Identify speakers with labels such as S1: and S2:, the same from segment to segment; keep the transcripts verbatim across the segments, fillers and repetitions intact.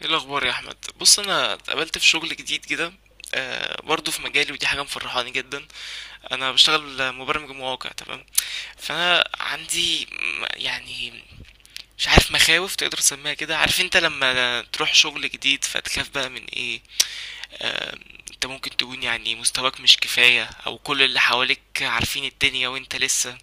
S1: ايه الاخبار يا احمد؟ بص، انا اتقابلت في شغل جديد كده. آه، برضه في مجالي، ودي حاجه مفرحاني جدا. انا بشتغل مبرمج مواقع. تمام. فانا عندي م- يعني مش عارف مخاوف تقدر تسميها كده. عارف انت لما تروح شغل جديد فتخاف بقى من ايه؟ آه. انت ممكن تكون يعني مستواك مش كفايه، او كل اللي حواليك عارفين الدنيا وانت لسه.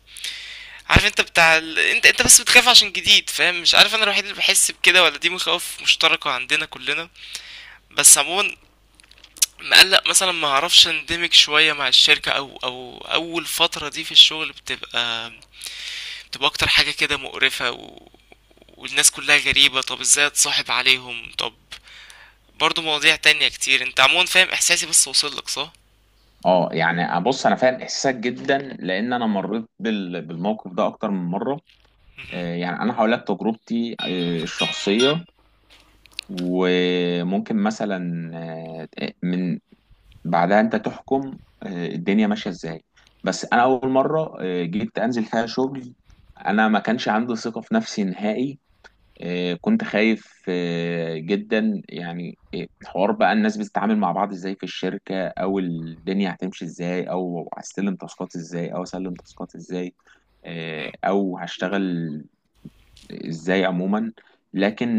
S1: عارف انت بتاع ال... انت انت بس بتخاف عشان جديد، فاهم؟ مش عارف، انا الوحيد اللي بحس بكده ولا دي مخاوف مشتركه عندنا كلنا؟ بس عموما مقلق مثلا ما اعرفش اندمج شويه مع الشركه، او او اول فتره دي في الشغل بتبقى بتبقى اكتر حاجه كده مقرفه، و... والناس كلها غريبه. طب ازاي اتصاحب عليهم؟ طب برضو مواضيع تانية كتير. انت عموما فاهم احساسي، بس وصل لك صح؟
S2: اه، يعني بص، انا فاهم احساسك جدا لان انا مريت بال- بالموقف ده اكتر من مره.
S1: مهم.
S2: آه، يعني انا هقول لك تجربتي آه، الشخصيه، وممكن مثلا آه، من بعدها انت تحكم آه، الدنيا ماشيه ازاي. بس انا اول مره آه، جيت انزل فيها شغل، انا ما كانش عندي ثقه في نفسي نهائي. آه، كنت خايف آه، جدا، يعني آه، حوار بقى الناس بتتعامل مع بعض ازاي في الشركة، او الدنيا هتمشي ازاي، او هستلم تاسكات ازاي، او اسلم تاسكات ازاي، آه،
S1: مم.
S2: او هشتغل ازاي عموما. لكن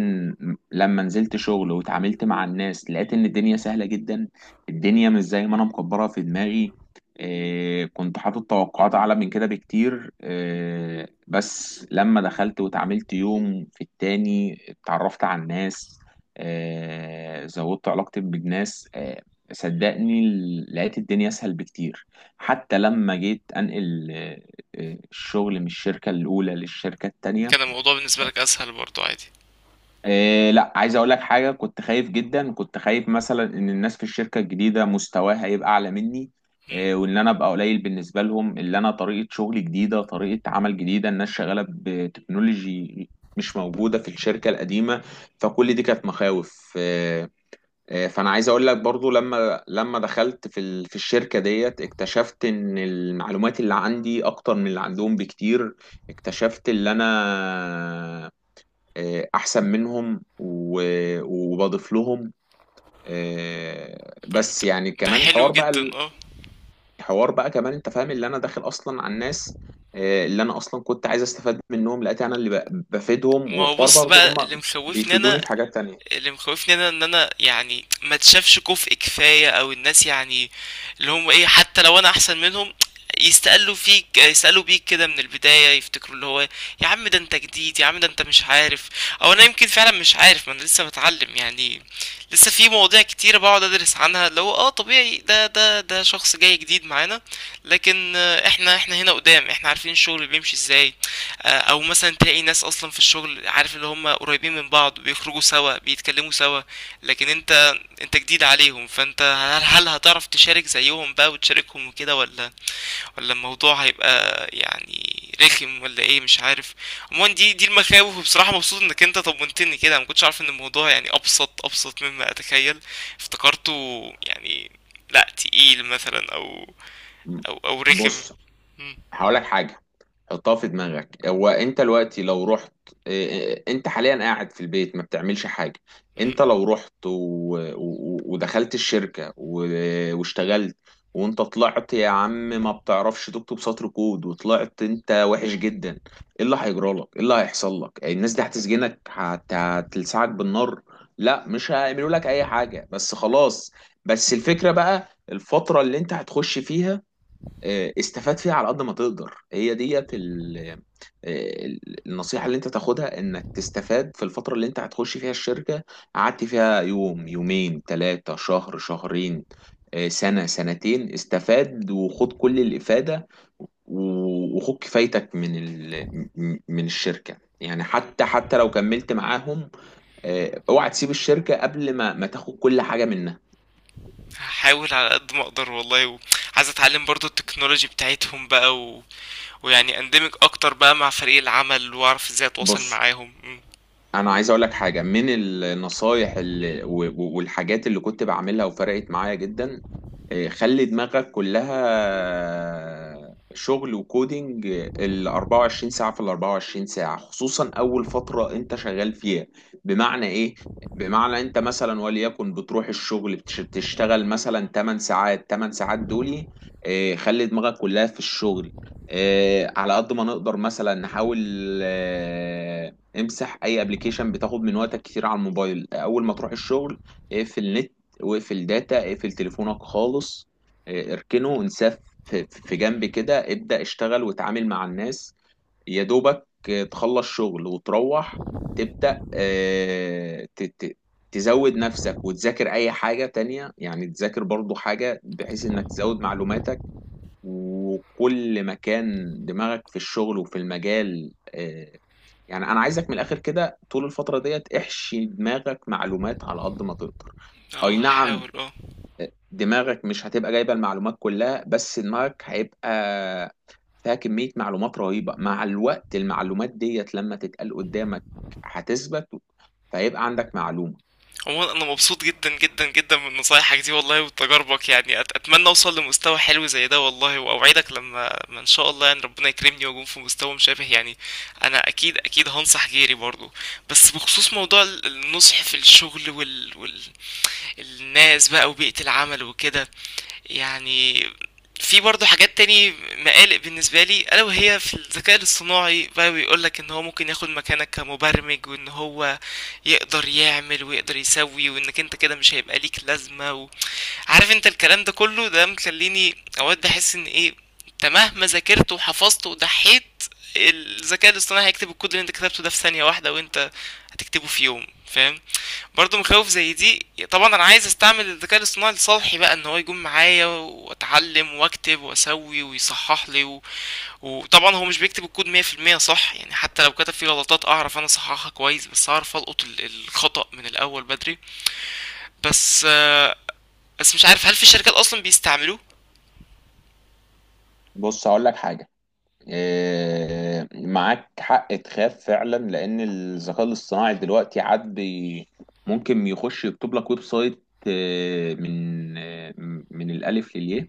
S2: لما نزلت شغل واتعاملت مع الناس، لقيت ان الدنيا سهلة جدا. الدنيا مش زي ما انا مكبرها في دماغي. إيه، كنت حاطط توقعات اعلى من كده بكتير، إيه، بس لما دخلت واتعاملت يوم في التاني اتعرفت على الناس، إيه، زودت علاقتي بالناس، إيه، صدقني، لقيت الدنيا اسهل بكتير. حتى لما جيت انقل إيه، إيه، الشغل من الشركة الاولى للشركة التانية.
S1: كان الموضوع بالنسبه لك اسهل برضو، عادي؟
S2: إيه لا، عايز اقول لك حاجه. كنت خايف جدا، كنت خايف مثلا ان الناس في الشركه الجديده مستواها هيبقى اعلى مني، إيه،
S1: مم.
S2: وان انا ابقى قليل بالنسبه لهم، اللي انا طريقه شغل جديده، طريقه عمل جديده، الناس شغاله بتكنولوجي مش موجوده في الشركه القديمه، فكل دي كانت مخاوف. إيه إيه، فانا عايز اقول لك برضو، لما لما دخلت في ال- في الشركه ديت، اكتشفت ان المعلومات اللي عندي اكتر من اللي عندهم بكتير. اكتشفت اللي انا آه، احسن منهم و- وبضيف لهم، آه،
S1: طب
S2: بس
S1: ده،
S2: يعني
S1: ده
S2: كمان
S1: حلو
S2: حوار بقى.
S1: جدا، اه.
S2: الحوار بقى كمان انت فاهم اللي انا داخل اصلا على الناس، آه، اللي انا اصلا كنت عايز استفاد منهم، لقيت انا اللي ب- بفيدهم،
S1: ما هو
S2: وحوار
S1: بص
S2: برضه
S1: بقى، اللي
S2: هم
S1: مخوفني انا
S2: بيفيدوني في حاجات تانية.
S1: اللي مخوفني انا ان انا يعني ما تشافش كفء كفايه، او الناس يعني اللي هم ايه، حتى لو انا احسن منهم يستقلوا فيك، يسألوا بيك كده من البداية، يفتكروا اللي هو يا عم ده انت جديد، يا عم ده انت مش عارف. او انا يمكن فعلا مش عارف، ما انا لسه بتعلم يعني. لسه في مواضيع كتيرة بقعد ادرس عنها، اللي هو اه طبيعي، ده ده ده شخص جاي جديد معانا. لكن آه، احنا احنا هنا قدام، احنا عارفين الشغل بيمشي ازاي. آه، او مثلا تلاقي ناس اصلا في الشغل، عارف، اللي هم قريبين من بعض بيخرجوا سوا، بيتكلموا سوا. لكن انت، انت جديد عليهم، فانت هل, هل هتعرف تشارك زيهم بقى وتشاركهم وكده، ولا ولا الموضوع هيبقى يعني رخم ولا ايه؟ مش عارف. عموما دي دي المخاوف. وبصراحة مبسوط انك انت طمنتني كده، ما كنتش عارف ان الموضوع يعني ابسط ابسط مما اتخيل، افتكرته يعني لا تقيل مثلا، او
S2: م-
S1: او او رخم.
S2: بص،
S1: مم.
S2: هقول لك حاجة، حطها في دماغك. هو انت دلوقتي لو رحت. اه، اه، انت حاليا قاعد في البيت ما بتعملش حاجة.
S1: مم.
S2: انت لو رحت و... و... ودخلت الشركة و... واشتغلت، وانت طلعت يا عم ما بتعرفش تكتب سطر كود، وطلعت انت وحش جدا، ايه اللي هيجرى لك؟ ايه اللي هيحصل لك؟ الناس دي هتسجنك، هت... هتلسعك بالنار؟ لا، مش هيعملوا لك اي حاجة، بس خلاص. بس الفكرة بقى، الفترة اللي انت هتخش فيها، آه، استفاد فيها على قد ما تقدر، هي ديت ال- آه، النصيحة اللي انت تاخدها، انك تستفاد في الفترة اللي انت هتخش فيها الشركة، قعدت فيها يوم، يومين، ثلاثة، شهر، شهرين، آه، سنة، سنتين، استفاد وخد كل الإفادة، و- وخد كفايتك من ال... م- من الشركة، يعني حتى حتى لو كملت معاهم. آه، اوعى تسيب الشركة قبل ما ما تاخد كل حاجة منها.
S1: هاحاول على قد ما اقدر والله. وعايز اتعلم برضو التكنولوجي بتاعتهم بقى، و... ويعني اندمج اكتر بقى مع فريق العمل، واعرف ازاي اتواصل
S2: بص،
S1: معاهم. مم.
S2: انا عايز اقول لك حاجه من النصايح اللي و- و- والحاجات اللي كنت بعملها وفرقت معايا جدا. إيه، خلي دماغك كلها شغل وكودينج ال أربعة وعشرين ساعه في ال أربعة وعشرين ساعه، خصوصا اول فتره انت شغال فيها. بمعنى ايه؟ بمعنى انت مثلا، وليكن بتروح الشغل بتش- بتشتغل مثلا تمن ساعات، تمانية ساعات دول، إيه، خلي دماغك كلها في الشغل. إيه، على قد ما نقدر مثلا، نحاول امسح اي ابلكيشن بتاخد من وقتك كتير على الموبايل. اول ما تروح الشغل اقفل نت، واقفل داتا، اقفل تليفونك خالص، اه، اركنه، انساه في في جنب كده، ابدأ اشتغل وتعامل مع الناس. يا دوبك اه، تخلص شغل وتروح، تبدأ اه، ت- ت- تزود نفسك وتذاكر اي حاجة تانية، يعني تذاكر برضو حاجة بحيث انك تزود معلوماتك. وكل ما كان دماغك في الشغل وفي المجال آه، يعني انا عايزك من الاخر كده، طول الفتره ديت احشي دماغك معلومات على قد ما تقدر. اي
S1: اه،
S2: نعم،
S1: هحاول، اه.
S2: دماغك مش هتبقى جايبه المعلومات كلها، بس دماغك هيبقى فيها كميه معلومات رهيبه. مع الوقت المعلومات ديت لما تتقال قدامك هتثبت، فيبقى عندك معلومه.
S1: عموما انا مبسوط جدا جدا جدا من نصايحك دي والله وتجاربك. يعني أت... اتمنى اوصل لمستوى حلو زي ده والله، واوعدك لما ما ان شاء الله يعني ربنا يكرمني واكون في مستوى مشابه يعني، انا اكيد اكيد هنصح غيري برضو. بس بخصوص موضوع ال- النصح في الشغل، وال... وال... الناس بقى وبيئة العمل وكده، يعني في برضه حاجات تاني مقالق بالنسبة لي، ألا وهي في الذكاء الاصطناعي بقى. بيقولك إن هو ممكن ياخد مكانك كمبرمج، وإن هو يقدر يعمل ويقدر يسوي، وإنك أنت كده مش هيبقى ليك لازمة، و... عارف انت الكلام ده كله، ده مخليني اوقات بحس ان ايه، انت مهما ذاكرت وحفظت وضحيت، الذكاء الاصطناعي هيكتب الكود اللي انت كتبته ده في ثانية واحدة، وانت هتكتبه في يوم، فاهم؟ برضه مخاوف زي دي. طبعا انا عايز استعمل الذكاء الاصطناعي لصالحي بقى، ان هو يكون معايا واتعلم واكتب واسوي ويصحح لي، و... وطبعا هو مش بيكتب الكود مية في المية صح يعني، حتى لو كتب فيه غلطات اعرف انا اصححها كويس، بس اعرف القط ال- الخطأ من الاول بدري. بس آه، بس مش عارف، هل في شركات اصلا بيستعملوه؟
S2: بص، هقول لك حاجه، آه، معاك حق تخاف فعلا، لان الذكاء الاصطناعي دلوقتي عاد بي- ممكن يخش يكتب لك ويب سايت آه، من آه، من الالف للياء،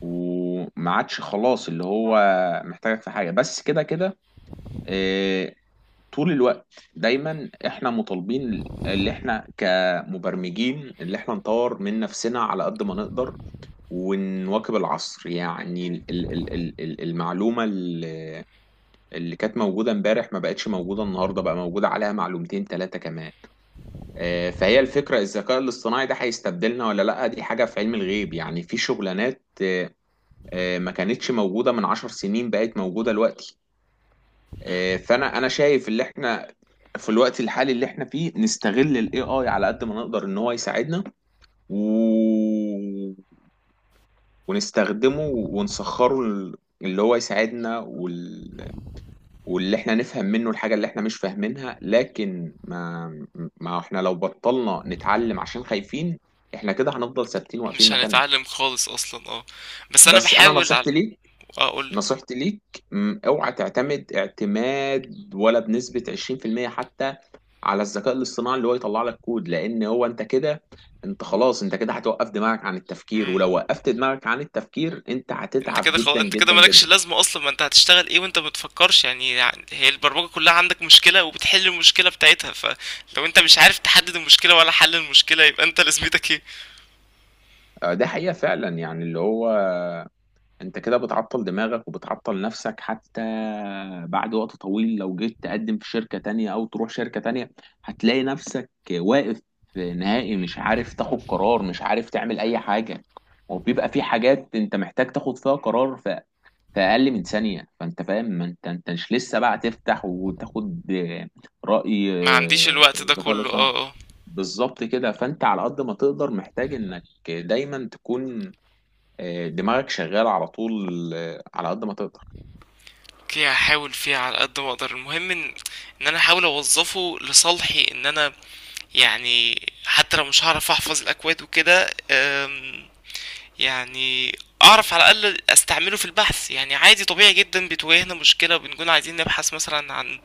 S2: وما عادش خلاص اللي هو محتاجك في حاجه، بس كده كده. آه، طول الوقت دايما احنا مطالبين، اللي احنا كمبرمجين، اللي احنا نطور من نفسنا على قد ما نقدر، ونواكب العصر، يعني ال- ال- ال- ال- المعلومه اللي كانت موجودة امبارح ما بقتش موجودة النهاردة، بقى موجودة عليها معلومتين ثلاثة كمان. آه، فهي الفكرة، الذكاء الاصطناعي ده هيستبدلنا ولا لأ؟ دي حاجة في علم الغيب. يعني في شغلانات آه، آه، ما كانتش موجودة من عشر سنين، بقت موجودة دلوقتي. آه،
S1: مم.
S2: فأنا أنا شايف اللي احنا في الوقت الحالي اللي احنا فيه، نستغل الاي اي على قد ما نقدر ان هو يساعدنا، و... ونستخدمه ونسخره، اللي هو يساعدنا وال... واللي احنا نفهم منه الحاجة اللي احنا مش فاهمينها. لكن ما ما احنا لو بطلنا نتعلم عشان خايفين، احنا كده هنفضل ثابتين واقفين
S1: مش
S2: مكاننا.
S1: هنتعلم خالص اصلا، اه. بس انا
S2: بس انا
S1: بحاول على
S2: نصيحتي ليك،
S1: اقول.
S2: نصيحتي ليك م، اوعى تعتمد اعتماد ولا بنسبة عشرين في المية حتى على الذكاء الاصطناعي اللي هو يطلع لك كود، لان هو انت كده، انت خلاص، انت كده هتوقف دماغك عن التفكير،
S1: امم.
S2: ولو وقفت دماغك عن التفكير انت
S1: انت
S2: هتتعب
S1: كده خلاص،
S2: جدا
S1: انت كده
S2: جدا
S1: مالكش
S2: جدا.
S1: لازمه اصلا. ما انت هتشتغل ايه وانت ما بتفكرش؟ يعني يعني هي البرمجه كلها عندك مشكله وبتحل المشكله بتاعتها، فلو انت مش عارف تحدد المشكله ولا حل المشكله، يبقى انت لازمتك ايه؟
S2: آه، ده حقيقة فعلا، يعني اللي هو انت كده بتعطل دماغك وبتعطل نفسك حتى. بعد وقت طويل لو جيت تقدم في شركة تانية او تروح شركة تانية، هتلاقي نفسك واقف نهائي، مش عارف تاخد قرار، مش عارف تعمل اي حاجة. وبيبقى في حاجات انت محتاج تاخد فيها قرار ف- في اقل من ثانية، فانت فاهم، ما انت انت مش لسه بقى تفتح وتاخد آه، رأي
S1: ما عنديش
S2: آه،
S1: الوقت ده
S2: الذكاء
S1: كله،
S2: الاصطناعي.
S1: اه، اه.
S2: بالظبط كده، فانت على قد ما تقدر محتاج انك دايما تكون آه، دماغك شغال على طول، آه، على قد ما تقدر.
S1: اوكي، هحاول فيه على قد ما اقدر. المهم ان ان انا احاول اوظفه لصالحي، ان انا يعني حتى لو مش هعرف احفظ الاكواد وكده، أم، يعني اعرف على الاقل استعمله في البحث. يعني عادي طبيعي جدا، بتواجهنا مشكله بنكون عايزين نبحث مثلا عن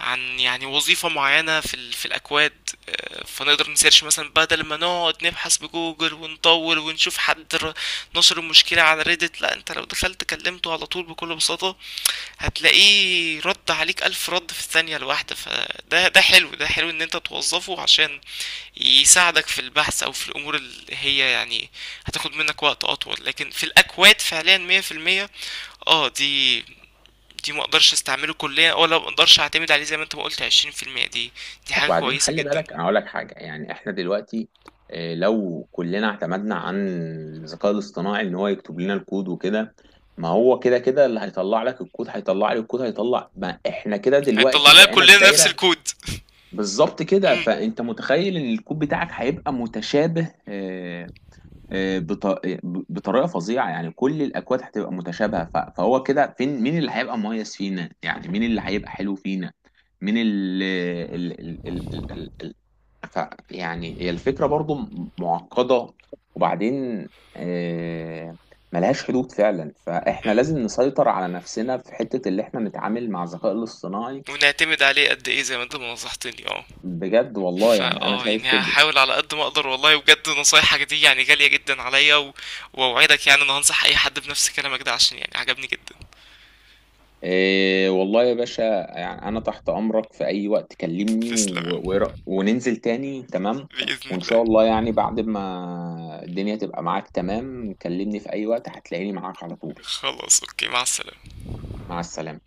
S1: عن يعني وظيفه معينه في ال... في الاكواد. آه، فنقدر نسيرش مثلا بدل ما نقعد نبحث بجوجل ونطول ونشوف حد ر- نشر المشكله على ريدت. لا، انت لو دخلت كلمته على طول بكل بساطه هتلاقيه رد عليك الف رد في الثانيه الواحده. فده ده حلو، ده حلو ان انت توظفه عشان يساعدك في البحث، او في الامور اللي هي يعني هتاخد منك وقت اطول. لكن في الاكواد فعليا مية في المية، اه، دي دي ما اقدرش استعمله كليا ولا ما اقدرش اعتمد عليه، زي ما انت ما قلت عشرين في المية. دي دي حاجة
S2: وبعدين
S1: كويسة
S2: خلي
S1: جدا.
S2: بالك، انا اقول لك حاجه، يعني احنا دلوقتي آه، لو كلنا اعتمدنا عن الذكاء الاصطناعي ان هو يكتب لنا الكود وكده، ما هو كده كده اللي هيطلع لك الكود هيطلع لي الكود هيطلع، ما احنا كده
S1: هيطلع
S2: دلوقتي
S1: لنا
S2: بقينا في
S1: كلنا نفس
S2: دايره.
S1: الكود.
S2: بالظبط كده،
S1: امم.
S2: فانت متخيل ان الكود بتاعك هيبقى متشابه آه، آه، بط- بطريقه فظيعه، يعني كل الاكواد هتبقى متشابهه، ف- فهو كده فين؟ مين اللي هيبقى مميز فينا؟ يعني مين اللي هيبقى حلو فينا؟ مين ال ال ال ال ال ال ف يعني هي الفكره برضو م- معقده. وبعدين آه، ملهاش حدود فعلا، فاحنا لازم نسيطر على نفسنا في حته اللي احنا نتعامل مع الذكاء الاصطناعي.
S1: ونعتمد عليه قد ايه، زي ما انت ما نصحتني، اه.
S2: بجد والله،
S1: فا،
S2: يعني انا
S1: اه،
S2: شايف
S1: يعني
S2: كده.
S1: هحاول على قد ما اقدر والله. وبجد نصايحك دي يعني غالية جدا عليا، و... واوعدك يعني ان هنصح اي حد بنفس كلامك ده، عشان يعني عجبني جدا.
S2: إيه والله يا باشا، يعني أنا تحت أمرك في أي وقت، كلمني و...
S1: تسلم يا عم.
S2: و... وننزل تاني، تمام.
S1: بإذن
S2: وإن
S1: الله.
S2: شاء الله، يعني بعد ما الدنيا تبقى معاك تمام، كلمني في أي وقت، هتلاقيني معاك على طول.
S1: خلاص اوكي، مع السلامة.
S2: مع السلامة.